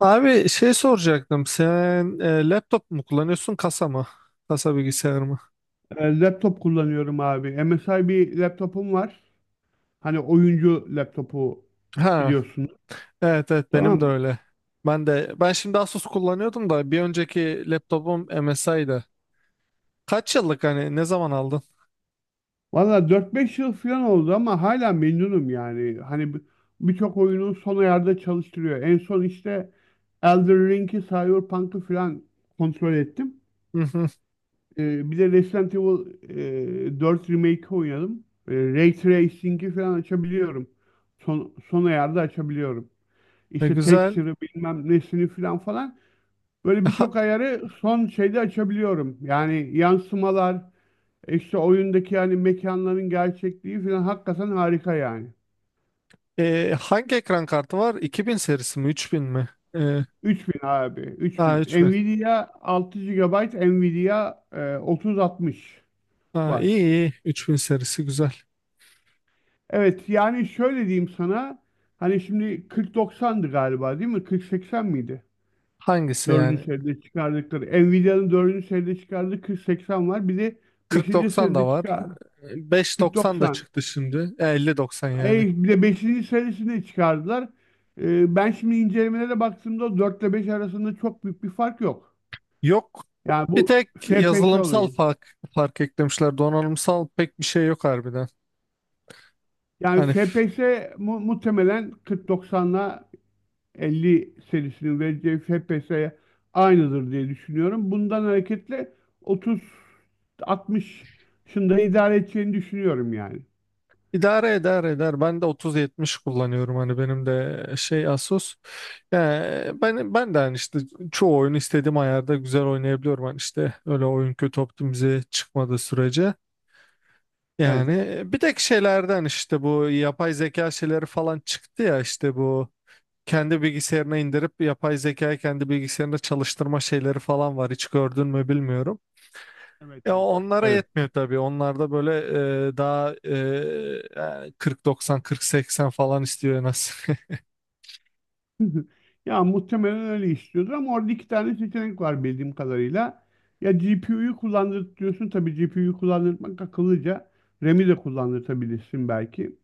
Abi şey soracaktım. Sen laptop mu kullanıyorsun kasa mı? Kasa bilgisayar mı? Laptop kullanıyorum abi. MSI bir laptopum var. Hani oyuncu laptopu Ha, biliyorsun. evet evet benim de Tamam. öyle. Ben de ben şimdi Asus kullanıyordum da bir önceki laptopum MSI'dı. Kaç yıllık hani ne zaman aldın? Valla 4-5 yıl falan oldu ama hala memnunum yani. Hani birçok oyunu son ayarda çalıştırıyor. En son işte Elden Ring'i, Cyberpunk'ı falan kontrol ettim. Hı hı. Bir de Resident Evil 4 Remake'i oynadım. Ray Tracing'i falan açabiliyorum. Son ayarda açabiliyorum. İşte Güzel. texture'ı bilmem nesini falan falan. Böyle E, Ha- birçok ayarı son şeyde açabiliyorum. Yani yansımalar, işte oyundaki yani mekanların gerçekliği falan hakikaten harika yani. hangi ekran kartı var? 2000 serisi mi? 3000 mi? E, 3000 abi, ha, 3000. 3000. Nvidia 6 gigabayt, Nvidia 3060 Ha, var. iyi iyi. 3000 serisi güzel. Evet yani şöyle diyeyim sana. Hani şimdi 4090'dı galiba değil mi? 4080 miydi? Hangisi yani? Dördüncü seride çıkardıkları. Nvidia'nın dördüncü seride çıkardığı 4080 var. Bir de Kırk beşinci doksan da seride var. çıkar. Beş doksan da 4090. çıktı şimdi. Elli doksan yani. Bir de beşinci serisini çıkardılar. Ben şimdi incelemelere baktığımda 4 ile 5 arasında çok büyük bir fark yok. Yok. Yani Bir bu tek FPS yazılımsal olayı. fark eklemişler. Donanımsal pek bir şey yok harbiden. Yani Hani f- FPS muhtemelen 4090'la 50 serisinin vereceği FPS'ye aynıdır diye düşünüyorum. Bundan hareketle 3060'ında idare edeceğini düşünüyorum yani. idare eder eder. Ben de 3070 kullanıyorum. Hani benim de şey Asus. Yani ben de hani işte çoğu oyunu istediğim ayarda güzel oynayabiliyorum. Hani işte öyle oyun kötü optimize çıkmadığı sürece. Evet. Yani bir tek şeylerden işte bu yapay zeka şeyleri falan çıktı ya işte bu kendi bilgisayarına indirip yapay zekayı kendi bilgisayarında çalıştırma şeyleri falan var. Hiç gördün mü bilmiyorum. Evet, Ya evet. onlara Evet. yetmiyor tabii. Onlarda böyle daha yani 40-90, 40 falan istiyor en az. Ya muhtemelen öyle istiyordur ama orada iki tane seçenek var bildiğim kadarıyla. Ya GPU'yu kullandırıyorsun, tabii GPU'yu kullandırmak akıllıca. RAM'i de kullandırtabilirsin belki.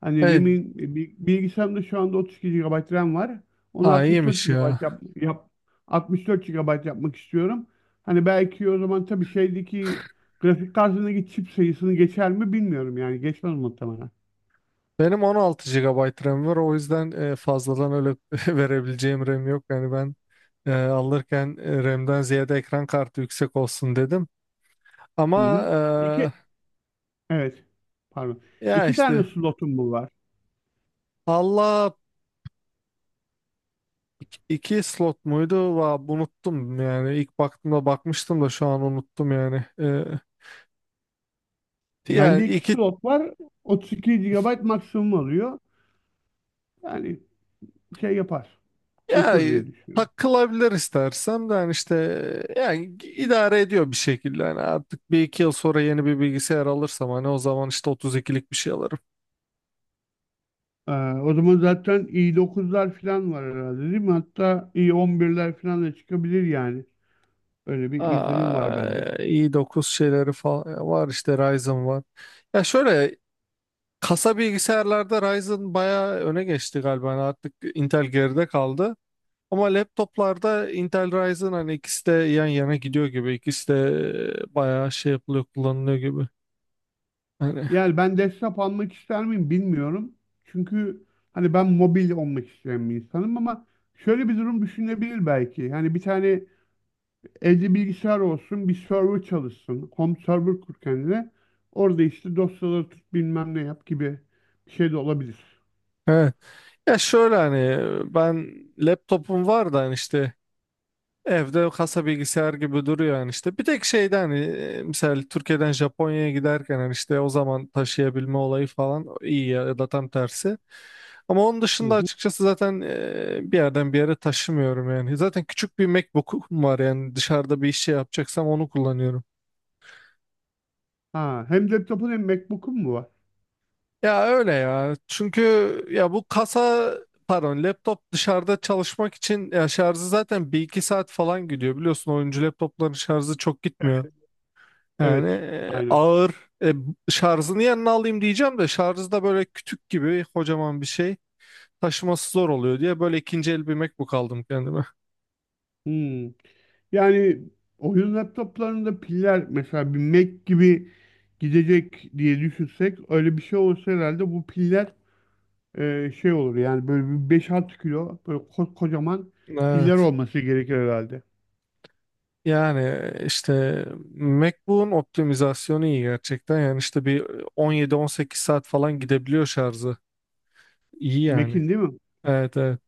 Hani Evet, RAM'in bilgisayarımda şu anda 32 gigabayt RAM var. Onu ha, 64 iyiymiş ya. gigabayt yap 64 GB yapmak istiyorum. Hani belki o zaman tabii şeydeki grafik kartındaki çip sayısını geçer mi bilmiyorum, yani geçmez muhtemelen. Benim 16 gigabayt RAM var. O yüzden fazladan öyle verebileceğim RAM yok. Yani ben alırken RAM'den ziyade ekran kartı yüksek olsun dedim. Ama Hı hı. İki, evet, pardon. Ya İki tane işte slotum bu var. Allah. İki slot muydu? Unuttum yani. İlk baktığımda bakmıştım da şu an unuttum yani. Ee, Bende yani iki iki slot var. 32 gigabayt maksimum alıyor. Yani şey yapar. ya Götür diye düşünüyorum. takılabilir istersem de yani işte. Yani idare ediyor bir şekilde. Yani artık 1-2 yıl sonra yeni bir bilgisayar alırsam hani o zaman işte 32'lik bir şey alırım. Ee, O zaman zaten i9'lar falan var herhalde değil mi? Hatta i11'ler falan da çıkabilir yani. Öyle bir izlenim var bende. Aa, i9 şeyleri falan var işte Ryzen var. Ya şöyle kasa bilgisayarlarda Ryzen bayağı öne geçti galiba. Yani artık Intel geride kaldı. Ama laptoplarda Intel Ryzen hani ikisi de yan yana gidiyor gibi. İkisi de bayağı şey yapılıyor, kullanılıyor gibi. Hani Yani ben desktop almak ister miyim bilmiyorum. Çünkü hani ben mobil olmak isteyen bir insanım ama şöyle bir durum düşünebilir belki. Hani bir tane. Evde bilgisayar olsun, bir server çalışsın. Home server kur kendine. Orada işte dosyaları tut bilmem ne yap gibi bir şey de olabilir. evet. Ya şöyle hani ben laptopum var da hani işte evde kasa bilgisayar gibi duruyor yani işte. Bir tek şeyde hani mesela Türkiye'den Japonya'ya giderken hani işte o zaman taşıyabilme olayı falan iyi ya, ya da tam tersi. Ama onun Hı dışında hı. açıkçası zaten bir yerden bir yere taşımıyorum yani. Zaten küçük bir MacBook'um var yani dışarıda bir iş şey yapacaksam onu kullanıyorum. Ha, hem laptopun hem MacBook'un mu var? Ya öyle ya. Çünkü ya bu kasa pardon laptop dışarıda çalışmak için ya şarjı zaten 1-2 saat falan gidiyor. Biliyorsun oyuncu laptopların şarjı çok gitmiyor. Yani Evet, aynen. ağır e, şarjını yanına alayım diyeceğim de şarjı da böyle kütük gibi kocaman bir şey taşıması zor oluyor diye böyle ikinci el bir MacBook aldım kendime. Hmm. Yani oyun laptoplarında piller mesela bir Mac gibi gidecek diye düşünsek, öyle bir şey olsa herhalde bu piller şey olur yani, böyle bir 5-6 kilo böyle kocaman piller Evet. olması gerekir herhalde. Yani işte MacBook'un optimizasyonu iyi gerçekten. Yani işte bir 17-18 saat falan gidebiliyor şarjı. İyi yani. Mac'in değil mi? Evet evet.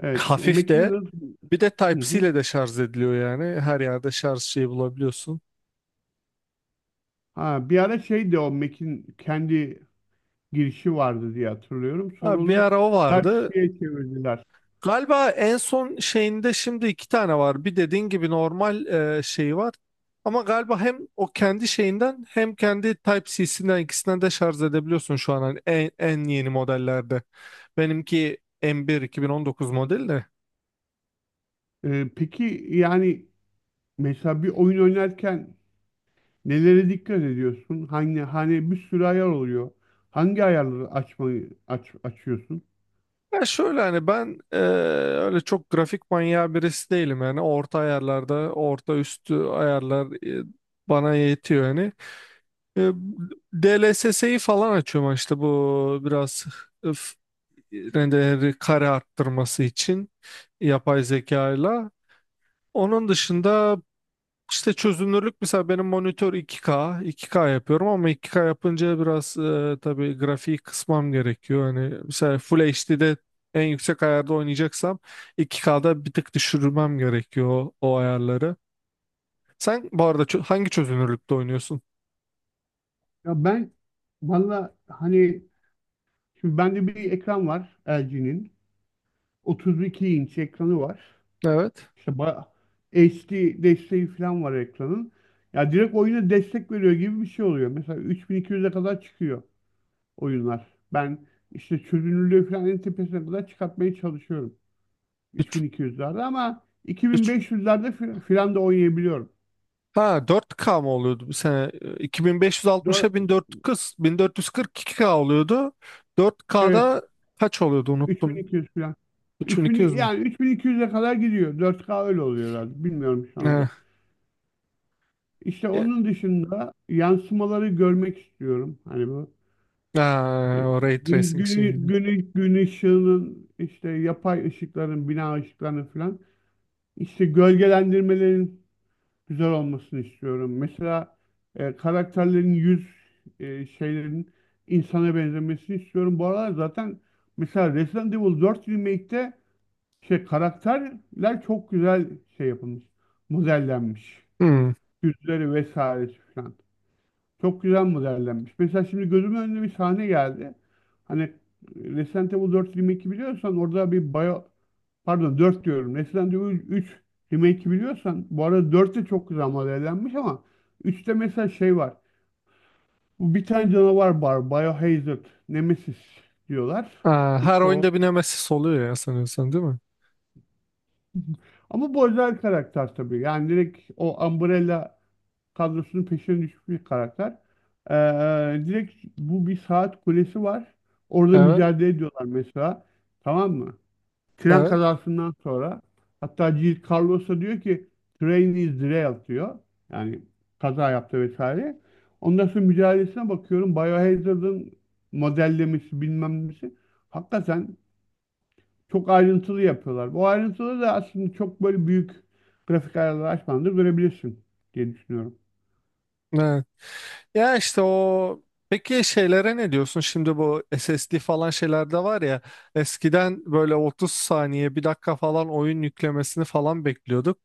Evet. O Hafif Mac'in de de. bir de Hı Type-C hı. ile de şarj ediliyor yani. Her yerde şarj şeyi bulabiliyorsun. Ha, bir ara şeydi o Mac'in kendi girişi vardı diye hatırlıyorum. Sonra Abi bir onu ara o vardı. Type-C'ye çevirdiler. Galiba en son şeyinde şimdi iki tane var. Bir dediğin gibi normal şey var. Ama galiba hem o kendi şeyinden hem kendi Type-C'sinden ikisinden de şarj edebiliyorsun şu an hani en yeni modellerde. Benimki M1 2019 model de. Peki yani mesela bir oyun oynarken nelere dikkat ediyorsun? Hani bir sürü ayar oluyor. Hangi ayarları açmayı açıyorsun? Ya şöyle hani ben öyle çok grafik manyağı birisi değilim yani orta ayarlarda orta üstü ayarlar bana yetiyor yani. E, DLSS'yi falan açıyorum işte bu biraz öf, rendeleri kare arttırması için yapay zekayla. Onun Hı hı. dışında işte çözünürlük mesela benim monitör 2K, 2K yapıyorum ama 2K yapınca biraz tabii grafiği kısmam gerekiyor. Hani mesela Full HD'de en yüksek ayarda oynayacaksam 2K'da bir tık düşürmem gerekiyor o ayarları. Sen bu arada hangi çözünürlükte oynuyorsun? Ya ben, valla, hani. Şimdi bende bir ekran var, LG'nin. 32 inç ekranı var. Evet. İşte HD desteği falan var ekranın. Ya direkt oyuna destek veriyor gibi bir şey oluyor. Mesela 3200'e kadar çıkıyor oyunlar. Ben işte çözünürlüğü falan en tepesine kadar çıkartmaya çalışıyorum. 3 3200'lerde ama 3 2500'lerde filan da oynayabiliyorum. Ha 4K mı oluyordu bir sene? Dör- 2560'a 1440 1442K oluyordu. evet, 4K'da kaç oluyordu unuttum. 3200 filan. 3200 3000, mü? yani 3200'e kadar gidiyor. 4K öyle oluyor herhalde. Bilmiyorum şu He. anda. İşte onun dışında yansımaları görmek istiyorum. Hani bu e, Aa, o ray gün, tracing günü, şeyi. günü, gün ışığının, işte yapay ışıkların, bina ışıklarının falan, işte gölgelendirmelerin güzel olmasını istiyorum. Mesela karakterlerin yüz şeylerin insana benzemesini istiyorum. Bu aralar zaten mesela Resident Evil 4 Remake'te şey karakterler çok güzel şey yapılmış, modellenmiş. Hmm. Yüzleri vesairesi falan. Çok güzel modellenmiş. Mesela şimdi gözümün önüne bir sahne geldi. Hani Resident Evil 4 Remake'i biliyorsan orada Pardon, 4 diyorum. Resident Evil 3 Remake'i biliyorsan, bu arada 4 de çok güzel modellenmiş ama 3'te mesela şey var. Bu bir tane canavar var. Biohazard, Nemesis diyorlar. Aa, her İşte o. oyunda bir Nemesis oluyor ya sanıyorsan değil mi? Ama bu özel karakter tabii. Yani direkt o Umbrella kadrosunun peşine düşmüş bir karakter. Direkt bu bir saat kulesi var. Orada Evet, mücadele ediyorlar mesela. Tamam mı? Tren evet, kazasından sonra, hatta G. Carlos'a diyor ki, "train is derailed" diyor. Yani kaza yaptı vesaire. Ondan sonra mücadelesine bakıyorum. Biohazard'ın modellemesi bilmem nesi. Hakikaten çok ayrıntılı yapıyorlar. Bu ayrıntılı da aslında çok böyle büyük grafik ayarları açmadan da görebilirsin diye düşünüyorum. evet. Ya işte o. Peki şeylere ne diyorsun? Şimdi bu SSD falan şeylerde var ya eskiden böyle 30 saniye bir dakika falan oyun yüklemesini falan bekliyorduk.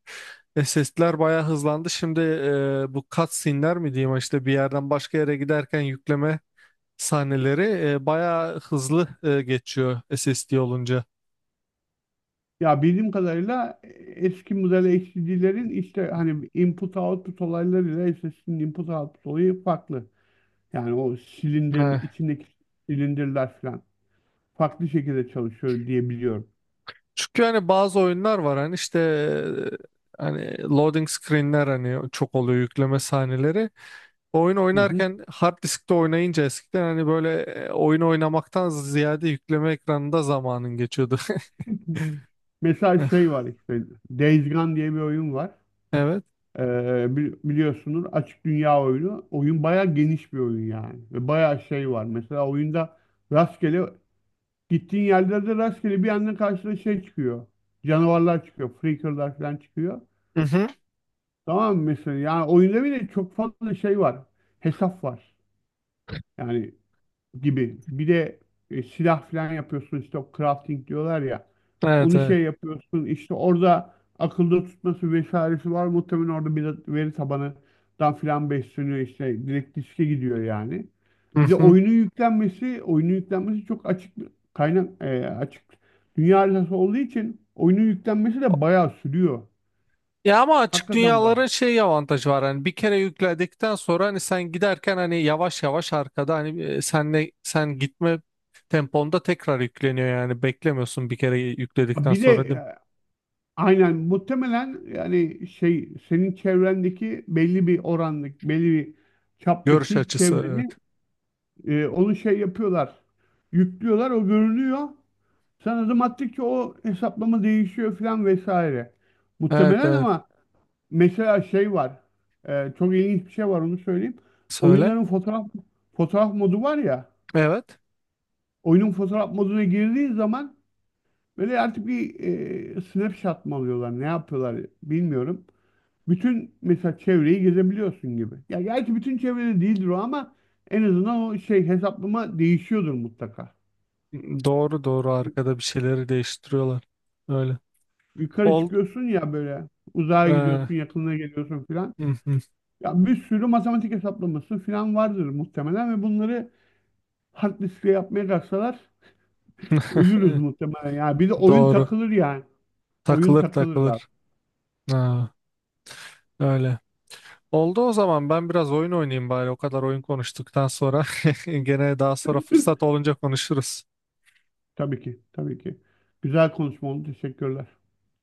SSD'ler bayağı hızlandı. Şimdi bu cutscene'ler mi diyeyim işte bir yerden başka yere giderken yükleme sahneleri bayağı hızlı geçiyor SSD olunca. Ya bildiğim kadarıyla eski model HDD'lerin işte hani input output olaylarıyla SSD'nin input output olayı farklı. Yani o silindir içindeki silindirler falan farklı şekilde çalışıyor diye biliyorum. Çünkü hani bazı oyunlar var hani işte hani loading screenler hani çok oluyor yükleme sahneleri. Oyun Hı hı. oynarken hard diskte oynayınca eskiden hani böyle oyun oynamaktan ziyade yükleme ekranında zamanın geçiyordu. Mesela şey var işte Days Gone diye bir oyun var. Evet. Biliyorsunuz açık dünya oyunu. Oyun bayağı geniş bir oyun yani. Ve bayağı şey var. Mesela oyunda rastgele, gittiğin yerlerde rastgele bir anda karşına şey çıkıyor. Canavarlar çıkıyor. Freaker'lar falan çıkıyor. Mhm. Tamam mı mesela? Yani oyunda bile çok fazla şey var. Hesap var. Yani gibi. Bir de silah falan yapıyorsun, işte o crafting diyorlar ya. Evet Onu evet. şey yapıyorsun, işte orada akılda tutması vesairesi var. Muhtemelen orada bir de veri tabanından filan besleniyor işte. Direkt diske gidiyor yani. Bir de Mhm. oyunun yüklenmesi çok açık bir kaynak, açık dünya haritası olduğu için oyunun yüklenmesi de bayağı sürüyor. Ya ama açık Hakikaten bak. dünyaların şey avantajı var hani bir kere yükledikten sonra hani sen giderken hani yavaş yavaş arkada hani senle sen gitme temponda tekrar yükleniyor yani beklemiyorsun bir kere yükledikten Bir de sonra değil mi? Aynen, muhtemelen yani şey, senin çevrendeki belli bir orandaki belli bir Görüş çaptaki açısı evet. çevreni onu şey yapıyorlar. Yüklüyorlar, o görünüyor. Sen adım attıkça o hesaplama değişiyor falan vesaire. Evet Muhtemelen, evet. ama mesela şey var. Çok ilginç bir şey var, onu söyleyeyim. Söyle. Oyunların fotoğraf modu var ya. Evet. Oyunun fotoğraf moduna girdiğin zaman böyle artık bir snapshot mı alıyorlar, ne yapıyorlar bilmiyorum. Bütün mesela çevreyi gezebiliyorsun gibi. Ya gerçi bütün çevrede değildir o ama en azından o şey, hesaplama değişiyordur mutlaka. Doğru doğru Yu- arkada bir şeyleri değiştiriyorlar. Öyle. Yukarı Ol. çıkıyorsun ya böyle, Ee, uzağa hı gidiyorsun, yakınına geliyorsun filan. hı. Ya bir sürü matematik hesaplaması filan vardır muhtemelen ve bunları hard diskle yapmaya kalksalar ölürüz muhtemelen. Ya bir de oyun Doğru. takılır yani. Oyun Takılır takılır abi. takılır. Ha, öyle. Oldu o zaman ben biraz oyun oynayayım bari. O kadar oyun konuştuktan sonra. Gene daha sonra fırsat olunca konuşuruz. Tabii ki, tabii ki. Güzel konuşma oldu. Teşekkürler.